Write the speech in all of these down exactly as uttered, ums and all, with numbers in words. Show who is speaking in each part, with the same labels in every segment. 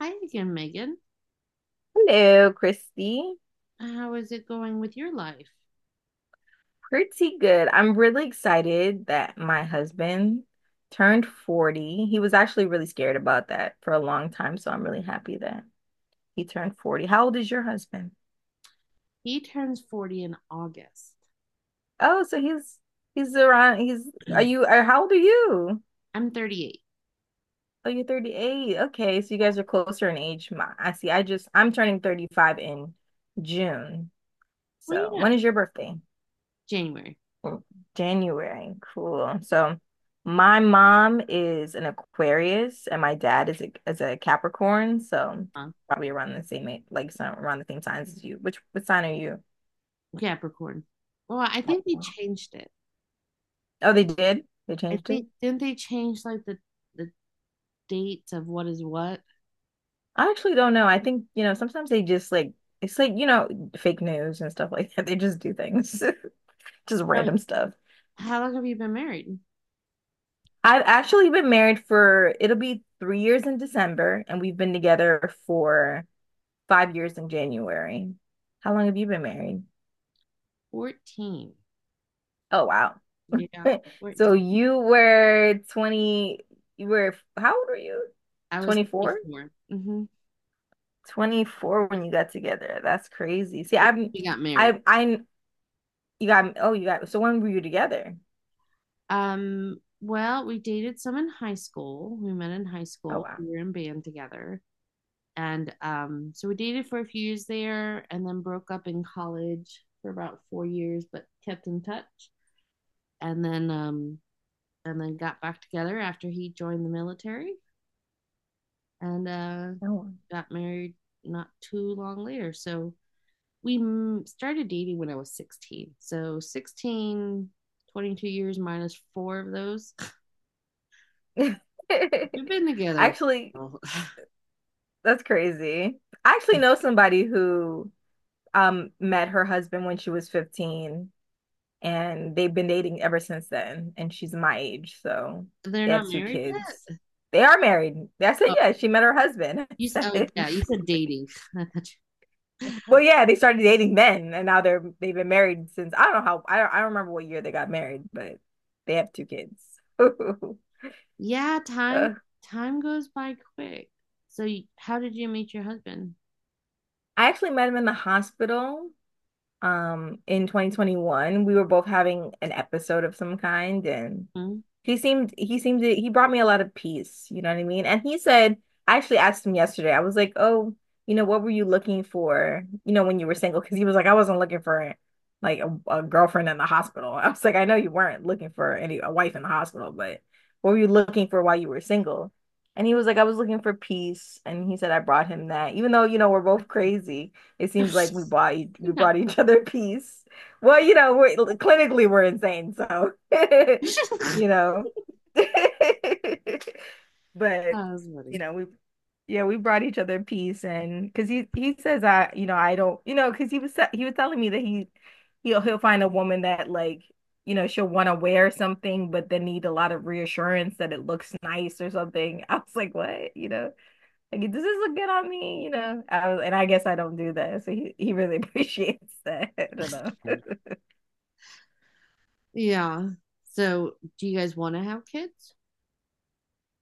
Speaker 1: Hi again, Megan.
Speaker 2: Hello, Christy.
Speaker 1: How is it going with your life?
Speaker 2: Pretty good. I'm really excited that my husband turned forty. He was actually really scared about that for a long time, so I'm really happy that he turned forty. How old is your husband?
Speaker 1: He turns forty in August.
Speaker 2: Oh, so he's he's around he's are you are how old are you?
Speaker 1: I'm thirty-eight.
Speaker 2: Oh, you're thirty-eight. Okay, so you guys are closer in age. My, I see. I just I'm turning thirty-five in June.
Speaker 1: Well, you
Speaker 2: So, when
Speaker 1: not
Speaker 2: is your birthday?
Speaker 1: January,
Speaker 2: January. Cool. So my mom is an Aquarius and my dad is a is a Capricorn, so
Speaker 1: huh?
Speaker 2: probably around the same age, like some around the same signs as you. Which What sign are you?
Speaker 1: Capricorn. Well, I think they
Speaker 2: Capricorn.
Speaker 1: changed it.
Speaker 2: Oh, they did? They
Speaker 1: I
Speaker 2: changed it?
Speaker 1: think didn't they change like the the dates of what is what?
Speaker 2: I actually don't know. I think, you know, sometimes they just like it's like, you know, fake news and stuff like that. They just do things. Just
Speaker 1: So,
Speaker 2: random stuff.
Speaker 1: how long have you been married?
Speaker 2: I've actually been married for it'll be three years in December, and we've been together for five years in January. How long have you been married?
Speaker 1: fourteen.
Speaker 2: Oh, wow.
Speaker 1: Yeah,
Speaker 2: So
Speaker 1: fourteen.
Speaker 2: you were twenty, you were, how old were you?
Speaker 1: I was
Speaker 2: twenty-four?
Speaker 1: twenty-four. Mm-hmm.
Speaker 2: twenty-four when you got together. That's crazy. See, I'm,
Speaker 1: We got married.
Speaker 2: I, I, you got, oh, you got, so when were you together?
Speaker 1: Um, well, we dated some in high school. We met in high
Speaker 2: Oh,
Speaker 1: school.
Speaker 2: wow.
Speaker 1: We were in band together. and um, so we dated for a few years there and then broke up in college for about four years but kept in touch, and then um, and then got back together after he joined the military, and uh,
Speaker 2: Oh,
Speaker 1: got married not too long later. So we started dating when I was sixteen, so sixteen, twenty-two years minus four of those
Speaker 2: wow.
Speaker 1: we've been together.
Speaker 2: Actually, that's crazy. I actually know somebody who um met her husband when she was fifteen and they've been dating ever since then. And she's my age, so
Speaker 1: They're
Speaker 2: they
Speaker 1: not
Speaker 2: have two
Speaker 1: married
Speaker 2: kids.
Speaker 1: yet.
Speaker 2: They are married. I said,
Speaker 1: oh,
Speaker 2: yeah, she met her husband.
Speaker 1: you,
Speaker 2: I
Speaker 1: oh
Speaker 2: said,
Speaker 1: yeah, you said dating.
Speaker 2: well, yeah, they started dating then, and now they're they've been married since I don't know how I don't, I don't remember what year they got married, but they have two kids.
Speaker 1: Yeah, time time goes by quick. So y- how did you meet your husband?
Speaker 2: I actually met him in the hospital um in twenty twenty-one. We were both having an episode of some kind, and
Speaker 1: Hmm?
Speaker 2: He seemed he seemed to, he brought me a lot of peace, you know what I mean? And he said, I actually asked him yesterday. I was like, "Oh, you know, what were you looking for, you know, when you were single?" Because he was like, "I wasn't looking for like a, a girlfriend in the hospital." I was like, "I know you weren't looking for any a wife in the hospital, but what were you looking for while you were single?" And he was like, "I was looking for peace." And he said, "I brought him that. Even though, you know, we're both crazy, it seems like we bought e- we
Speaker 1: No.
Speaker 2: brought each other peace." Well, you know, we're clinically we're insane, so
Speaker 1: That
Speaker 2: you know. But
Speaker 1: was
Speaker 2: you know, we yeah, we brought each other peace and because he he says I you know I don't you know because he was sa- he was telling me that he he'll he'll find a woman that like you know she'll want to wear something but then need a lot of reassurance that it looks nice or something. I was like, what? You know, like does this look good on me? You know, I was, and I guess I don't do that, so he he really appreciates that. I don't know.
Speaker 1: funny. Yeah. So do you guys want to have kids?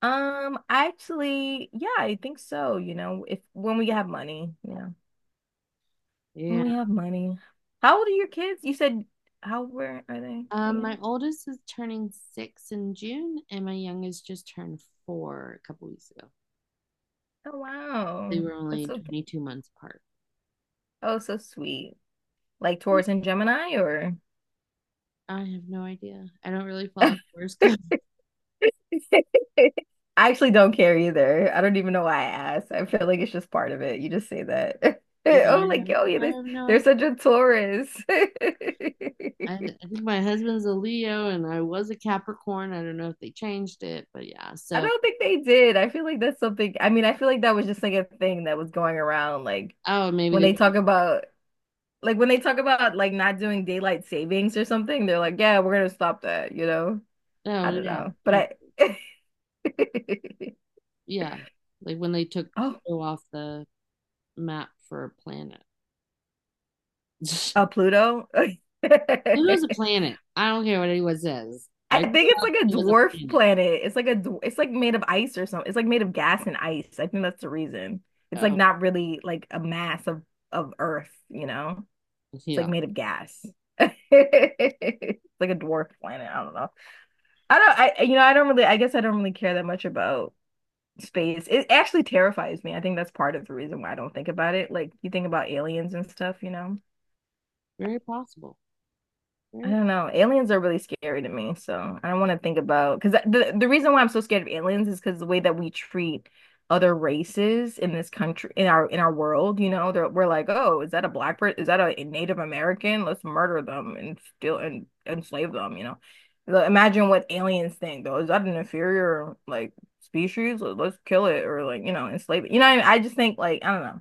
Speaker 2: Um, actually, yeah, I think so. You know, if when we have money, yeah, when
Speaker 1: Yeah.
Speaker 2: we have money. How old are your kids? You said how where are they
Speaker 1: Um, my
Speaker 2: again?
Speaker 1: oldest is turning six in June, and my youngest just turned four a couple weeks ago.
Speaker 2: Oh,
Speaker 1: They
Speaker 2: wow,
Speaker 1: were only
Speaker 2: that's so g-
Speaker 1: twenty-two months apart.
Speaker 2: oh, so sweet. Like
Speaker 1: Yeah,
Speaker 2: Taurus and Gemini, or
Speaker 1: I have no idea. I don't really follow
Speaker 2: I
Speaker 1: horoscopes.
Speaker 2: actually don't care either. I don't even know why I asked. I feel like it's just part of it. You just say that.
Speaker 1: Yeah, I
Speaker 2: Oh, like
Speaker 1: have,
Speaker 2: yo, yeah,
Speaker 1: I
Speaker 2: they
Speaker 1: have no
Speaker 2: they're
Speaker 1: idea.
Speaker 2: such a Taurus.
Speaker 1: And I think my husband's a Leo and I was a Capricorn. I don't know if they changed it, but yeah.
Speaker 2: I
Speaker 1: So,
Speaker 2: don't think they did. I feel like that's something, I mean, I feel like that was just like a thing that was going around. Like
Speaker 1: oh, maybe
Speaker 2: when
Speaker 1: they,
Speaker 2: they talk about, like when they talk about like not doing daylight savings or something, they're like, yeah, we're gonna stop that, you know? I
Speaker 1: oh,
Speaker 2: don't
Speaker 1: yeah.
Speaker 2: know.
Speaker 1: Like,
Speaker 2: But I,
Speaker 1: yeah. Like when they took
Speaker 2: oh,
Speaker 1: Pluto off the map for a planet.
Speaker 2: uh, Pluto.
Speaker 1: Pluto's a planet. I don't care what anyone says.
Speaker 2: I
Speaker 1: I grew
Speaker 2: think it's
Speaker 1: up,
Speaker 2: like a
Speaker 1: it was a
Speaker 2: dwarf
Speaker 1: planet.
Speaker 2: planet. It's like a, dw- it's like made of ice or something. It's like made of gas and ice. I think that's the reason. It's like
Speaker 1: Oh,
Speaker 2: not really like a mass of of Earth, you know? It's like
Speaker 1: yeah.
Speaker 2: made of gas. It's like a dwarf planet. I don't know. I don't. I you know. I don't really. I guess I don't really care that much about space. It actually terrifies me. I think that's part of the reason why I don't think about it. Like you think about aliens and stuff. You know.
Speaker 1: Very possible.
Speaker 2: I
Speaker 1: Very,
Speaker 2: don't know. Aliens are really scary to me, so I don't want to think about because the the reason why I'm so scared of aliens is because the way that we treat other races in this country, in our in our world, you know, they're, we're like, oh, is that a black person? Is that a Native American? Let's murder them and steal and enslave them, you know. Like, imagine what aliens think though. Is that an inferior like species? Let's kill it or like you know enslave it. You know what I mean? I just think like I don't know.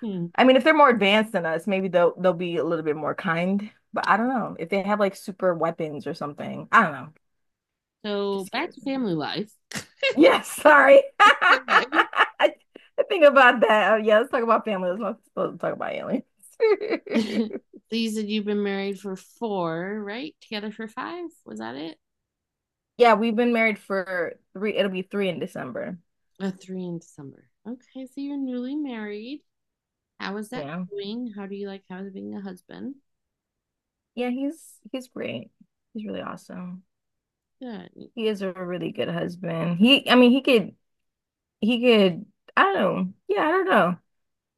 Speaker 1: hmm.
Speaker 2: I mean, if they're more advanced than us, maybe they'll they'll be a little bit more kind. But I don't know. If they have like super weapons or something, I don't know. Just
Speaker 1: So, back
Speaker 2: scares
Speaker 1: to
Speaker 2: me.
Speaker 1: family life.
Speaker 2: Yes, sorry.
Speaker 1: Okay.
Speaker 2: I I think about that. Oh, yeah, let's talk about family. Let's not supposed to talk about aliens.
Speaker 1: So you said you've been married for four, right? Together for five? Was that it?
Speaker 2: Yeah, we've been married for three, it'll be three in December.
Speaker 1: A three in December. Okay, so you're newly married. How is that
Speaker 2: Yeah.
Speaker 1: going? How do you like having a husband?
Speaker 2: Yeah, he's he's great. He's really awesome.
Speaker 1: Good.
Speaker 2: He is a really good husband. He, I mean, he could he could I don't know. Yeah, I don't know.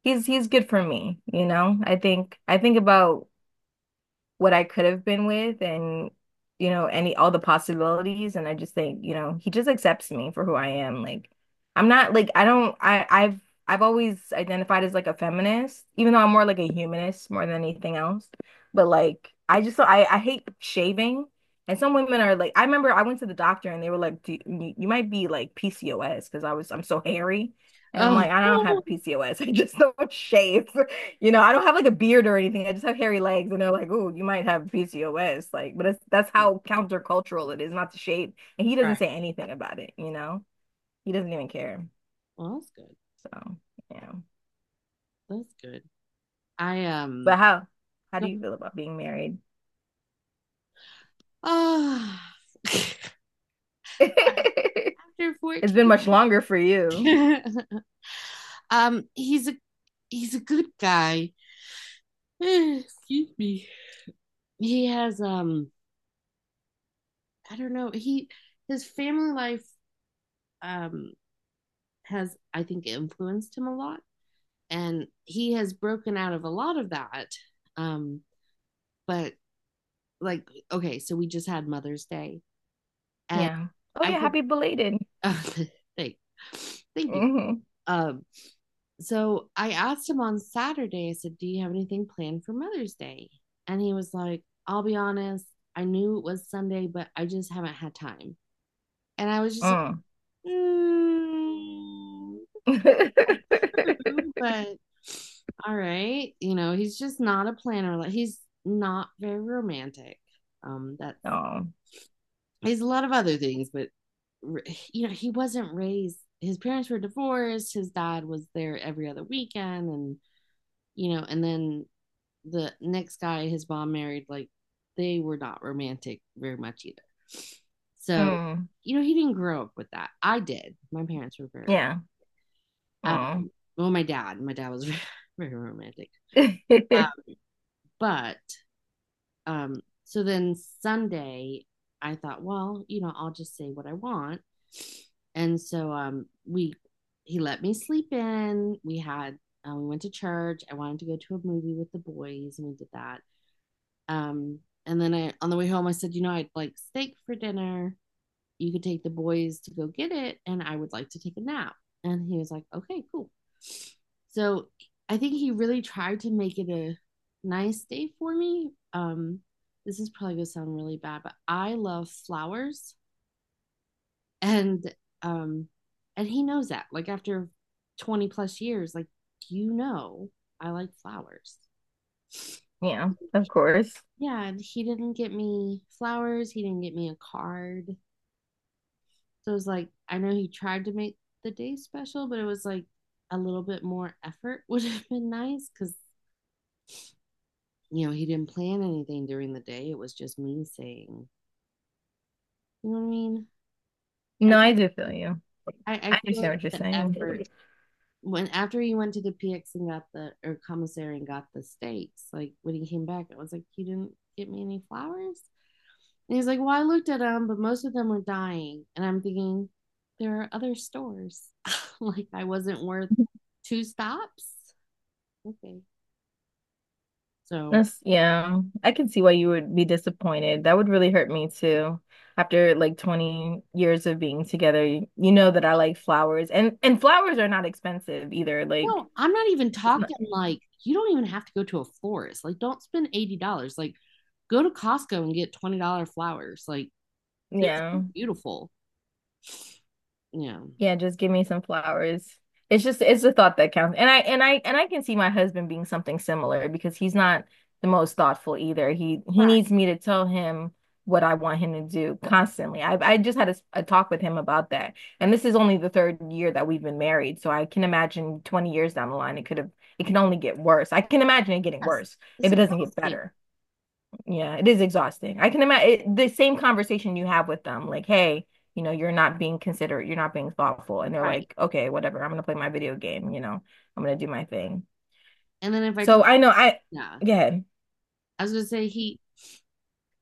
Speaker 2: he's He's good for me, you know. I think I think about what I could have been with and you know any all the possibilities and I just think you know he just accepts me for who I am like I'm not like I don't I I've I've always identified as like a feminist even though I'm more like a humanist more than anything else but like I just I I hate shaving and some women are like I remember I went to the doctor and they were like do, you, you might be like P C O S because I was I'm so hairy and I'm
Speaker 1: Oh,
Speaker 2: like I don't have P C O S I just don't shave, you know, I don't have like a beard or anything. I just have hairy legs, and they're like, "Oh, you might have P C O S." Like, but it's, that's how countercultural it is, not to shade. And he doesn't
Speaker 1: right.
Speaker 2: say anything about it. You know, he doesn't even care.
Speaker 1: Well, that's good.
Speaker 2: So, yeah.
Speaker 1: That's good. I um
Speaker 2: But how how do
Speaker 1: go,
Speaker 2: you feel about being married?
Speaker 1: oh. After
Speaker 2: It's been
Speaker 1: fourteen.
Speaker 2: much longer for you.
Speaker 1: Um, he's a he's a good guy. Excuse me. He has um I don't know, he his family life um has I think influenced him a lot. And he has broken out of a lot of that, um but like, okay, so we just had Mother's Day. And
Speaker 2: Yeah. Oh
Speaker 1: I
Speaker 2: yeah,
Speaker 1: could
Speaker 2: happy belated.
Speaker 1: uh, thank thank you.
Speaker 2: Mm
Speaker 1: um so I asked him on Saturday, I said, do you have anything planned for Mother's Day? And he was like, I'll be honest, I knew it was Sunday, but I just haven't had time. And I was just like,
Speaker 2: hmm
Speaker 1: mm,
Speaker 2: Mm.
Speaker 1: true, but all right. You know, he's just not a planner. Like he's not very romantic. Um, that's
Speaker 2: Oh.
Speaker 1: he's a lot of other things, but r- you know, he wasn't raised. His parents were divorced. His dad was there every other weekend, and you know, and then the next guy his mom married, like they were not romantic very much either. So,
Speaker 2: Mm.
Speaker 1: you know, he didn't grow up with that. I did. My parents were very,
Speaker 2: Yeah.
Speaker 1: uh,
Speaker 2: Oh.
Speaker 1: well, my dad. My dad was very romantic. Uh, but um, so then Sunday, I thought, well, you know, I'll just say what I want. And so um, we, he let me sleep in. We had, uh, we went to church. I wanted to go to a movie with the boys, and we did that. Um, and then I, on the way home, I said, you know, I'd like steak for dinner. You could take the boys to go get it, and I would like to take a nap. And he was like, okay, cool. So I think he really tried to make it a nice day for me. Um, this is probably gonna sound really bad, but I love flowers, and um and he knows that. Like after twenty plus years, like you know I like flowers.
Speaker 2: Yeah, of
Speaker 1: He-
Speaker 2: course.
Speaker 1: yeah, and he didn't get me flowers, he didn't get me a card. So it was like, I know he tried to make the day special, but it was like a little bit more effort would have been nice because, you know, he didn't plan anything during the day. It was just me saying, you know what I mean? I,
Speaker 2: No, I do feel you.
Speaker 1: I, I
Speaker 2: I
Speaker 1: feel like
Speaker 2: understand what you're
Speaker 1: the
Speaker 2: saying.
Speaker 1: effort when after he went to the P X and got the or commissary and got the steaks, like when he came back, I was like, you didn't get me any flowers? And he's like, well, I looked at them, but most of them were dying. And I'm thinking, there are other stores. Like I wasn't worth two stops. Okay. So,
Speaker 2: That's, yeah. I can see why you would be disappointed. That would really hurt me too. After like twenty years of being together, you, you know that I like flowers and and flowers are not expensive either. Like
Speaker 1: no, I'm not even
Speaker 2: it's not
Speaker 1: talking like you don't even have to go to a florist. Like, don't spend eighty dollars. Like, go to Costco and get twenty dollars flowers. Like, they're so
Speaker 2: yeah.
Speaker 1: beautiful. Yeah.
Speaker 2: Yeah, just give me some flowers. It's just it's the thought that counts. And I and I and I can see my husband being something similar because he's not the most thoughtful either. He he
Speaker 1: Right.
Speaker 2: needs me to tell him what I want him to do constantly. I I just had a, s- a talk with him about that. And this is only the third year that we've been married, so I can imagine twenty years down the line it could have it can only get worse. I can imagine it getting
Speaker 1: Yes.
Speaker 2: worse
Speaker 1: It's
Speaker 2: if it doesn't get
Speaker 1: exhausting.
Speaker 2: better. Yeah, it is exhausting. I can imagine the same conversation you have with them, like, hey, you know, you're not being considerate, you're not being thoughtful. And they're
Speaker 1: Right.
Speaker 2: like, okay, whatever, I'm gonna play my video game, you know, I'm gonna do my thing.
Speaker 1: And then if I
Speaker 2: So
Speaker 1: talk,
Speaker 2: I know I,
Speaker 1: yeah,
Speaker 2: yeah,
Speaker 1: I was going to say, he,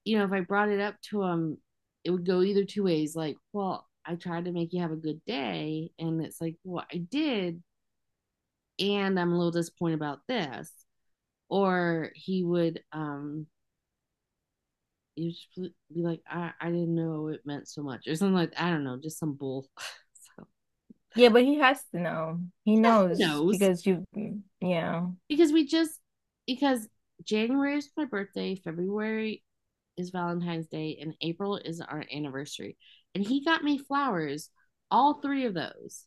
Speaker 1: you know, if I brought it up to him, it would go either two ways. Like, well, I tried to make you have a good day. And it's like, well, I did. And I'm a little disappointed about this. Or he would, um, you just be like, I, I didn't know it meant so much, or something like that. I don't know, just some bull. So,
Speaker 2: yeah, but he has to know. He
Speaker 1: yeah, who
Speaker 2: knows
Speaker 1: knows?
Speaker 2: because you, mm, yeah,
Speaker 1: Because we just because January is my birthday, February is Valentine's Day, and April is our anniversary. And he got me flowers, all three of those,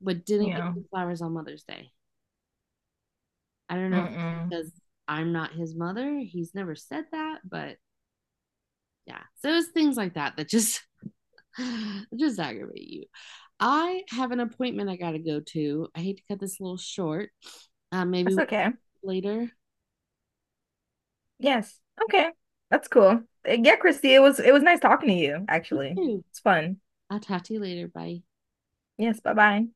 Speaker 1: but didn't give
Speaker 2: yeah,
Speaker 1: me flowers on Mother's Day. I don't know if it's
Speaker 2: mm-mm.
Speaker 1: because I'm not his mother. He's never said that, but yeah. So it's things like that that just just aggravate you. I have an appointment I gotta go to. I hate to cut this a little short. Uh, maybe
Speaker 2: That's
Speaker 1: we
Speaker 2: okay.
Speaker 1: later.
Speaker 2: Yes, okay, that's cool. Eh, yeah, Christy, it was it was nice talking to you,
Speaker 1: You
Speaker 2: actually.
Speaker 1: too.
Speaker 2: It's fun.
Speaker 1: I'll talk to you later. Bye.
Speaker 2: Yes, bye-bye.